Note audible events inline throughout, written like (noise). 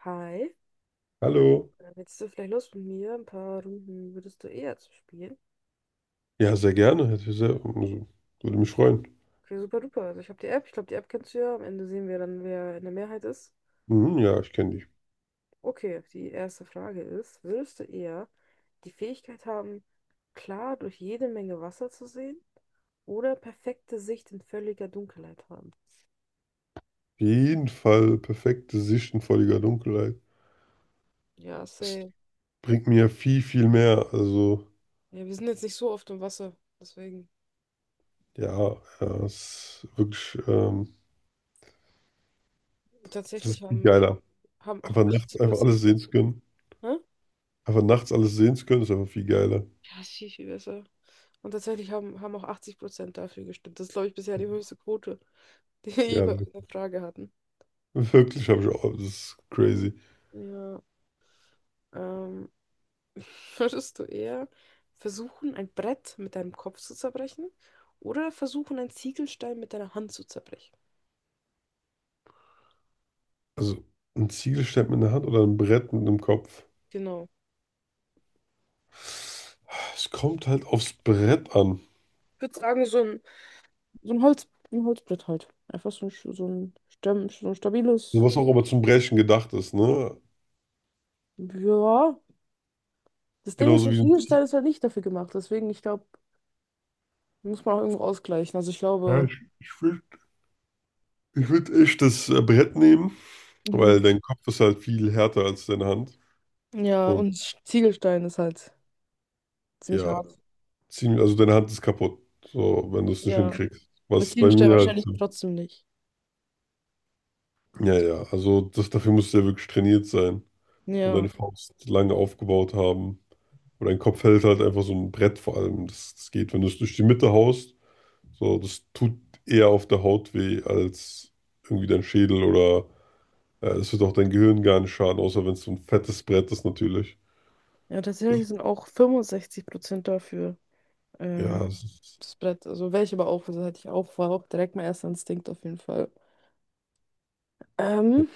Hi, äh, Hallo. hättest du vielleicht Lust mit mir ein paar Runden würdest du eher zu spielen? Ja, sehr gerne. Hätte ich sehr, also, würde mich freuen. Okay, super duper. Also ich habe die App, ich glaube, die App kennst du ja. Am Ende sehen wir dann, wer in der Mehrheit ist. Mhm, ja, ich kenne dich. Auf Okay, die erste Frage ist, würdest du eher die Fähigkeit haben, klar durch jede Menge Wasser zu sehen oder perfekte Sicht in völliger Dunkelheit haben? jeden Fall perfekte Sicht in völliger Dunkelheit. Ja, Es safe. bringt mir viel, viel mehr. Also, Ja, wir sind jetzt nicht so oft im Wasser, deswegen. ja, ja, es ist wirklich, es ist Tatsächlich viel haben, geiler. haben auch Einfach nachts einfach alles 80%. sehen zu können. Hä? Einfach nachts alles sehen zu können, ist einfach viel geiler. Ja, ist viel, viel besser. Und tatsächlich haben auch 80% dafür gestimmt. Das ist, glaube ich, bisher die höchste Quote, (laughs) die wir je Ja, bei einer Frage hatten. wirklich habe ich auch. Das ist crazy. Ja, ähm, (laughs) würdest du eher versuchen, ein Brett mit deinem Kopf zu zerbrechen oder versuchen, einen Ziegelstein mit deiner Hand zu zerbrechen? Also, ein Ziegelstein mit einer Hand oder ein Brett mit dem Kopf. Genau. Es kommt halt aufs Brett an. Ich würde sagen, so ein Holz, ein Holzbrett halt. Einfach so ein Also stabiles. was auch immer zum Brechen gedacht ist, ne? Ja. Das Ding ist, so Genauso ein wie so ein- Ziegelstein ist halt nicht dafür gemacht. Deswegen, ich glaube, muss man auch irgendwo ausgleichen. Also ich Ja, glaube. ich würde ich würd echt das Brett nehmen, weil Mhm. dein Kopf ist halt viel härter als deine Hand. Ja, Und und Ziegelstein ist halt ziemlich ja, hart. ziemlich, also deine Hand ist kaputt, so, wenn du es nicht Ja. Und hinkriegst. der Was bei Ziegelstein mir halt, wahrscheinlich trotzdem nicht. ja, ja, also das, dafür musst du ja wirklich trainiert sein und deine Ja. Faust lange aufgebaut haben. Und dein Kopf hält halt einfach so ein Brett vor allem. Das geht, wenn du es durch die Mitte haust, so, das tut eher auf der Haut weh als irgendwie dein Schädel oder. Ja, das wird auch dein Gehirn gar nicht schaden, außer wenn es so ein fettes Brett ist natürlich. Ja, tatsächlich sind auch 65% dafür. Ja, Ähm, es ist, das Brett, also welche aber auch, also hatte ich auch, war auch direkt mein erster Instinkt auf jeden Fall. Ähm,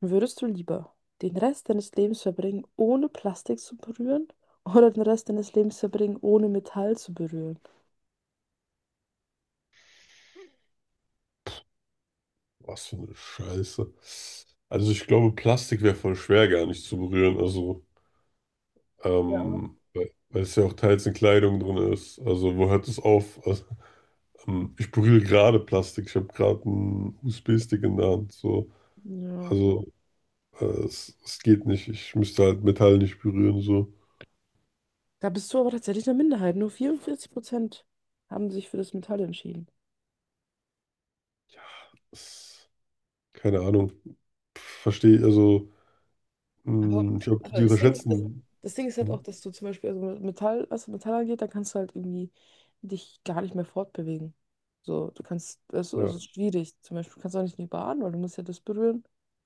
würdest du lieber den Rest deines Lebens verbringen, ohne Plastik zu berühren, oder den Rest deines Lebens verbringen, ohne Metall zu berühren? was für eine Scheiße. Also ich glaube, Plastik wäre voll schwer gar nicht zu berühren. Also, Ja. Weil es ja auch teils in Kleidung drin ist. Also wo hört es auf? Also, ich berühre gerade Plastik. Ich habe gerade einen USB-Stick in der Hand. So. Ja. Also es geht nicht. Ich müsste halt Metall nicht berühren. So. Da bist du aber tatsächlich eine Minderheit. Nur 44% haben sich für das Metall entschieden. Es, keine Ahnung. Verstehe, also Aber, ich glaube, die aber das Ding ist, also, unterschätzen. das Ding ist halt auch, Hm, dass du zum Beispiel, also mit Metall, was Metall angeht, da kannst du halt irgendwie dich gar nicht mehr fortbewegen. So, du kannst, das ist, ja. also es ist schwierig. Zum Beispiel kannst du auch nicht in die Bahn, weil du musst ja das berühren,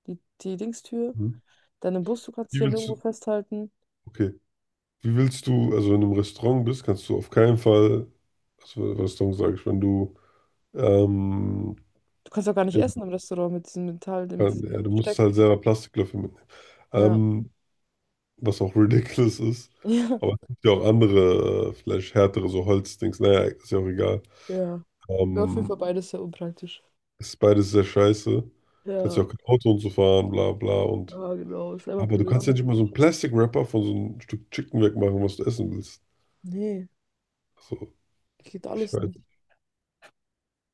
die Dingstür. Mhm. Dann im Bus, du kannst dich Wie ja willst nirgendwo du, festhalten. okay, wie willst du, also wenn du im Restaurant bist, kannst du auf keinen Fall, also Restaurant sage ich, wenn du, ähm, Du kannst auch gar nicht eben, essen im Restaurant mit diesem Metall, äh, mit ja, diesem du musst Besteck. halt selber Plastiklöffel mitnehmen, Ja. ähm, was auch ridiculous ist, (laughs) Ja. aber es gibt ja auch andere, vielleicht härtere, so Holzdings, naja, ist ja auch egal, Ja. Wäre auf jeden Fall ähm, beides sehr unpraktisch. ist beides sehr scheiße, kannst Ja. ja auch kein Auto und so fahren, bla bla und, Ja, genau. Ist einfach aber du blöd. kannst ja nicht mal so einen Plastic-Wrapper von so einem Stück Chicken wegmachen, was du essen willst, Nee, also, geht ich alles weiß, nicht.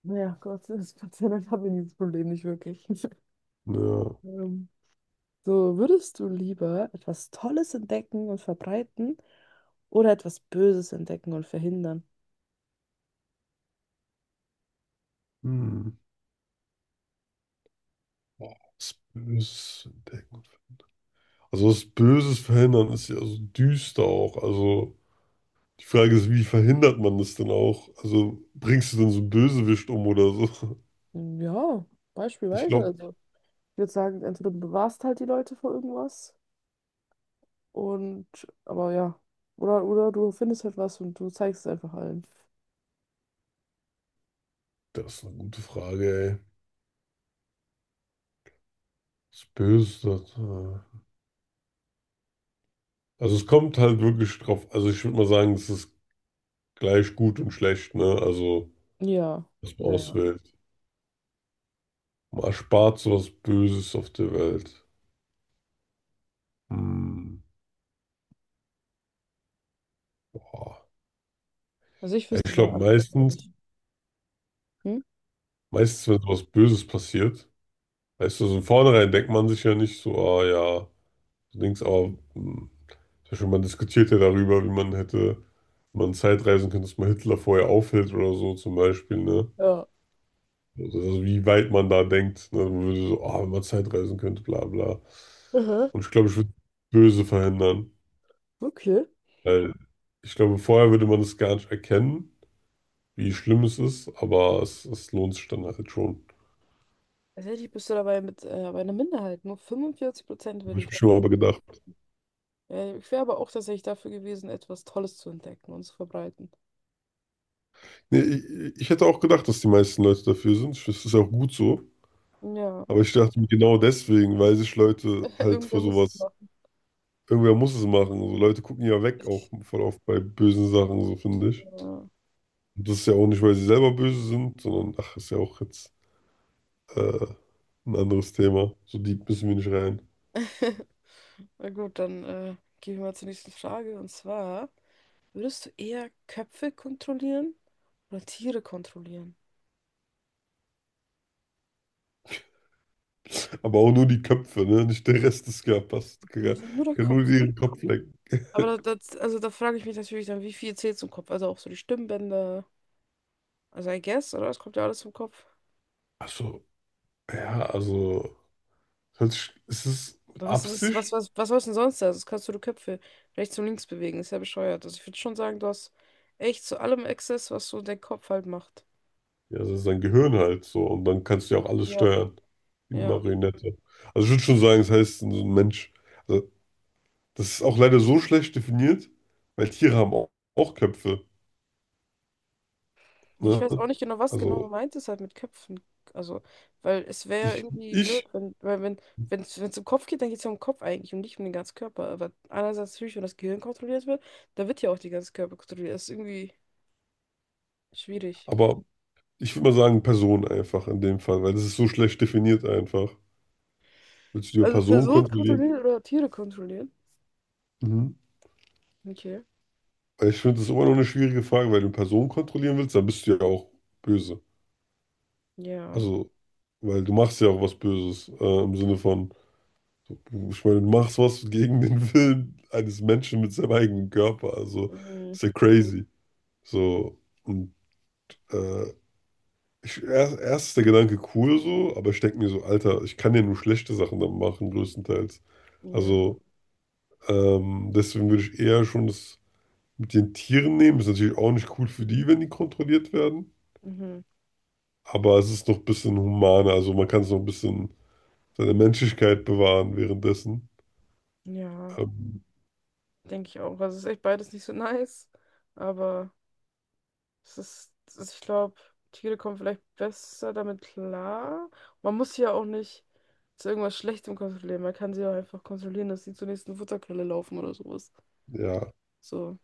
Ja, Gott, das Gott sei Dank habe ich dieses Problem nicht wirklich. (laughs) ja, Ähm, So, würdest du lieber etwas Tolles entdecken und verbreiten oder etwas Böses entdecken und verhindern? hm. Was Böses entdecken. Also das Böses verhindern ist ja so düster auch. Also die Frage ist, wie verhindert man das denn auch? Also bringst du denn so einen Bösewicht um oder so? (laughs) Ja, Ich beispielsweise. glaube, Also, ich würde sagen, entweder du bewahrst halt die Leute vor irgendwas und, aber ja, oder du findest halt was und du zeigst es einfach allen. das ist eine gute Frage, ey. Was Böses, das. Also es kommt halt wirklich drauf. Also ich würde mal sagen, es ist gleich gut und schlecht, ne? Also Ja, was man ja, ja. auswählt. Man erspart sowas Böses auf der Welt. Hm, boah. Also, ich Ja, ich wüsste meine glaube Antwort, glaube meistens, ich. Hm? Wenn sowas Böses passiert, weißt du, so im Vornherein denkt man sich ja nicht so, ah ja, so Dings, aber hm, zum Beispiel man diskutiert ja darüber, wie man hätte, wenn man Zeitreisen könnte, dass man Hitler vorher aufhält oder so zum Beispiel, ne? Ja. Also wie weit man da denkt, ne? Man würde so, ah, wenn man Zeitreisen könnte, bla bla. Aha. Und ich glaube, ich würde böse verhindern, Okay. weil ich glaube, vorher würde man es gar nicht erkennen, wie schlimm es ist, aber es lohnt sich dann halt schon. Tatsächlich bist du dabei mit bei einer Minderheit. Nur 45% Habe würden ich mir das schon mal tun. aber gedacht. Ja, ich wäre aber auch tatsächlich dafür gewesen, etwas Tolles zu entdecken und zu verbreiten. Nee, ich hätte auch gedacht, dass die meisten Leute dafür sind. Ich- Das ist ja auch gut so. Ja, Aber ich dachte mir genau deswegen, weil sich Leute (laughs) halt irgendwer vor muss es sowas, machen. irgendwer muss es machen. So Leute gucken ja weg, auch voll oft bei bösen Sachen, so finde ich. Ja. Und das ist ja auch nicht, weil sie selber böse sind, sondern ach, ist ja auch jetzt äh, ein anderes Thema. So deep müssen wir nicht rein. (laughs) Na gut, dann gehen wir mal zur nächsten Frage. Und zwar, würdest du eher Köpfe kontrollieren oder Tiere kontrollieren? Aber auch nur die Köpfe, ne? Nicht der Rest des Körpers. (laughs) Nur der Kann nur Kopf. ihren Kopf lecken. Aber das, also da frage ich mich natürlich dann, wie viel zählt zum Kopf? Also auch so die Stimmbänder. Also I guess, oder? Es kommt ja alles zum Kopf. Also, ja, also, hört sich- ist es mit Was, was, was, Absicht? was, was soll's denn sonst da? Das kannst du die Köpfe rechts und links bewegen. Ist ja bescheuert. Also ich würde schon sagen, du hast echt zu allem Access, was so dein Kopf halt macht. Ja, das ist dein Gehirn halt so. Und dann kannst du ja auch alles Ja. steuern. Wie eine Ja. Marionette. Also ich würde schon sagen, das heißt so ein Mensch. Also, das ist auch leider so schlecht definiert, weil Tiere haben auch, auch Köpfe. Ich Ne? weiß auch nicht genau, was genau Also gemeint ist halt mit Köpfen. Also, weil es wäre ich, irgendwie blöd, ich, wenn, weil wenn, wenn es um Kopf geht, dann geht es ja um den Kopf eigentlich und nicht um den ganzen Körper. Aber einerseits natürlich, wenn das Gehirn kontrolliert wird, dann wird ja auch der ganze Körper kontrolliert. Das ist irgendwie schwierig. aber ich würde mal sagen, Person einfach in dem Fall, weil das ist so schlecht definiert einfach. Willst du die Also Person Person kontrollieren? kontrollieren oder Tiere kontrollieren? Mhm. Okay. Weil ich finde, das ist immer noch eine schwierige Frage, weil du Personen kontrollieren willst, dann bist du ja auch böse. Ja. Also, weil du machst ja auch was Böses, im Sinne von. Ich meine, du machst was gegen den Willen eines Menschen mit seinem eigenen Körper. Also Mhm. ist ja crazy. So, und äh, erst ist der Gedanke cool so, aber ich denke mir so, Alter, ich kann ja nur schlechte Sachen dann machen, größtenteils. Ja. Also deswegen würde ich eher schon das mit den Tieren nehmen. Ist natürlich auch nicht cool für die, wenn die kontrolliert werden. Mhm. Aber es ist noch ein bisschen humaner. Also man kann es noch ein bisschen seine Menschlichkeit bewahren währenddessen. Ja, Ähm, denke ich auch. Also es ist echt beides nicht so (laughs) nice, aber es ist ich glaube, Tiere kommen vielleicht besser damit klar. Man muss sie ja auch nicht zu irgendwas Schlechtem kontrollieren. Man kann sie auch einfach kontrollieren, dass sie zur nächsten Futterquelle laufen oder sowas. ja. So.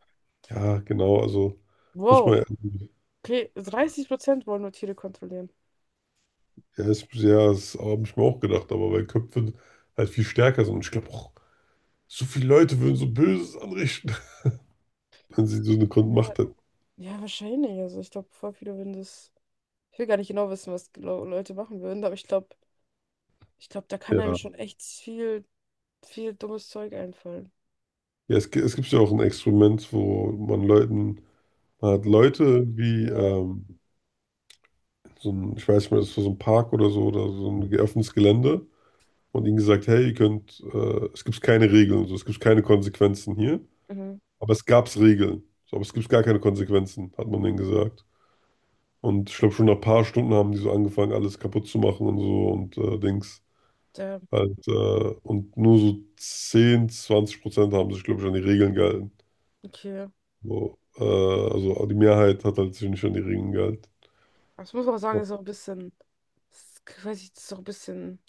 Ja, genau, also muss Wow. man, Okay, 30% wollen nur Tiere kontrollieren. ja, ist, ja, das habe ich mir auch gedacht, aber weil Köpfe halt viel stärker sind. Und ich glaube auch, so viele Leute würden so Böses anrichten, (laughs) wenn sie so eine Ja, Macht hätten. ja, wahrscheinlich. Also ich glaube, voll viele würden das. Ich will gar nicht genau wissen, was Leute machen würden, aber ich glaube, da kann einem Ja, schon echt viel, viel dummes Zeug einfallen. ja es gibt ja auch ein Experiment, wo man Leuten, man hat Leute wie, Ja. So ein, ich weiß nicht mehr, das war so ein Park oder so ein geöffnetes Gelände und ihnen gesagt, hey, ihr könnt, es gibt keine Regeln, so, es gibt keine Konsequenzen hier, Mhm. aber es gab Regeln, so, aber es gibt gar keine Konsequenzen, hat man denen gesagt. Und ich glaube, schon nach ein paar Stunden haben die so angefangen, alles kaputt zu machen und so und Dings. Der, Halt, und nur so 10 bis 20% haben sich, glaube ich, an die Regeln gehalten. okay. So, also die Mehrheit hat halt sich nicht an die Regeln gehalten. Aber ich muss auch sagen, Ja. ist auch ein bisschen, ist, weiß ich, das ist auch ein bisschen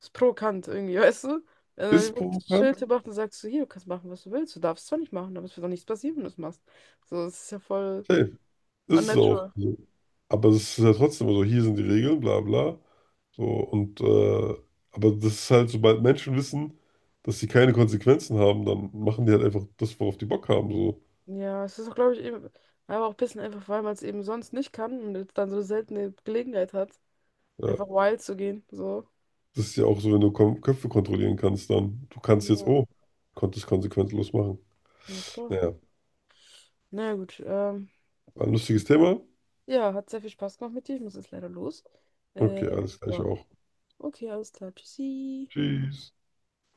ist provokant irgendwie, (laughs) weißt du? Wenn Ist es man wirklich ein provokant? Schild macht und sagt so, hier, du kannst machen, was du willst. Du darfst zwar nicht machen, aber es wird doch nichts passieren, wenn du es machst. So, es ist ja voll Safe. Ist es auch. unnatural. So. Aber es ist ja trotzdem so, hier sind die Regeln, bla bla. So, und aber das ist halt, sobald Menschen wissen, dass sie keine Konsequenzen haben, dann machen die halt einfach das, worauf die Bock haben. So. Ja, es ist auch, glaube ich, eben, aber auch ein bisschen einfach, weil man es eben sonst nicht kann und jetzt dann so eine seltene Gelegenheit hat, Äh, einfach wild zu gehen. So. Das ist ja auch so, wenn du Kom Köpfe kontrollieren kannst, dann du kannst jetzt, Ja, oh, konntest konsequenzlos machen. ja klar. Naja, Na naja, gut. Ähm, war ein lustiges Thema. ja, hat sehr viel Spaß gemacht mit dir. Ich muss jetzt leider los. Okay, Äh, alles gleich ja. auch. Okay, alles klar. Tschüssi. Tschüss.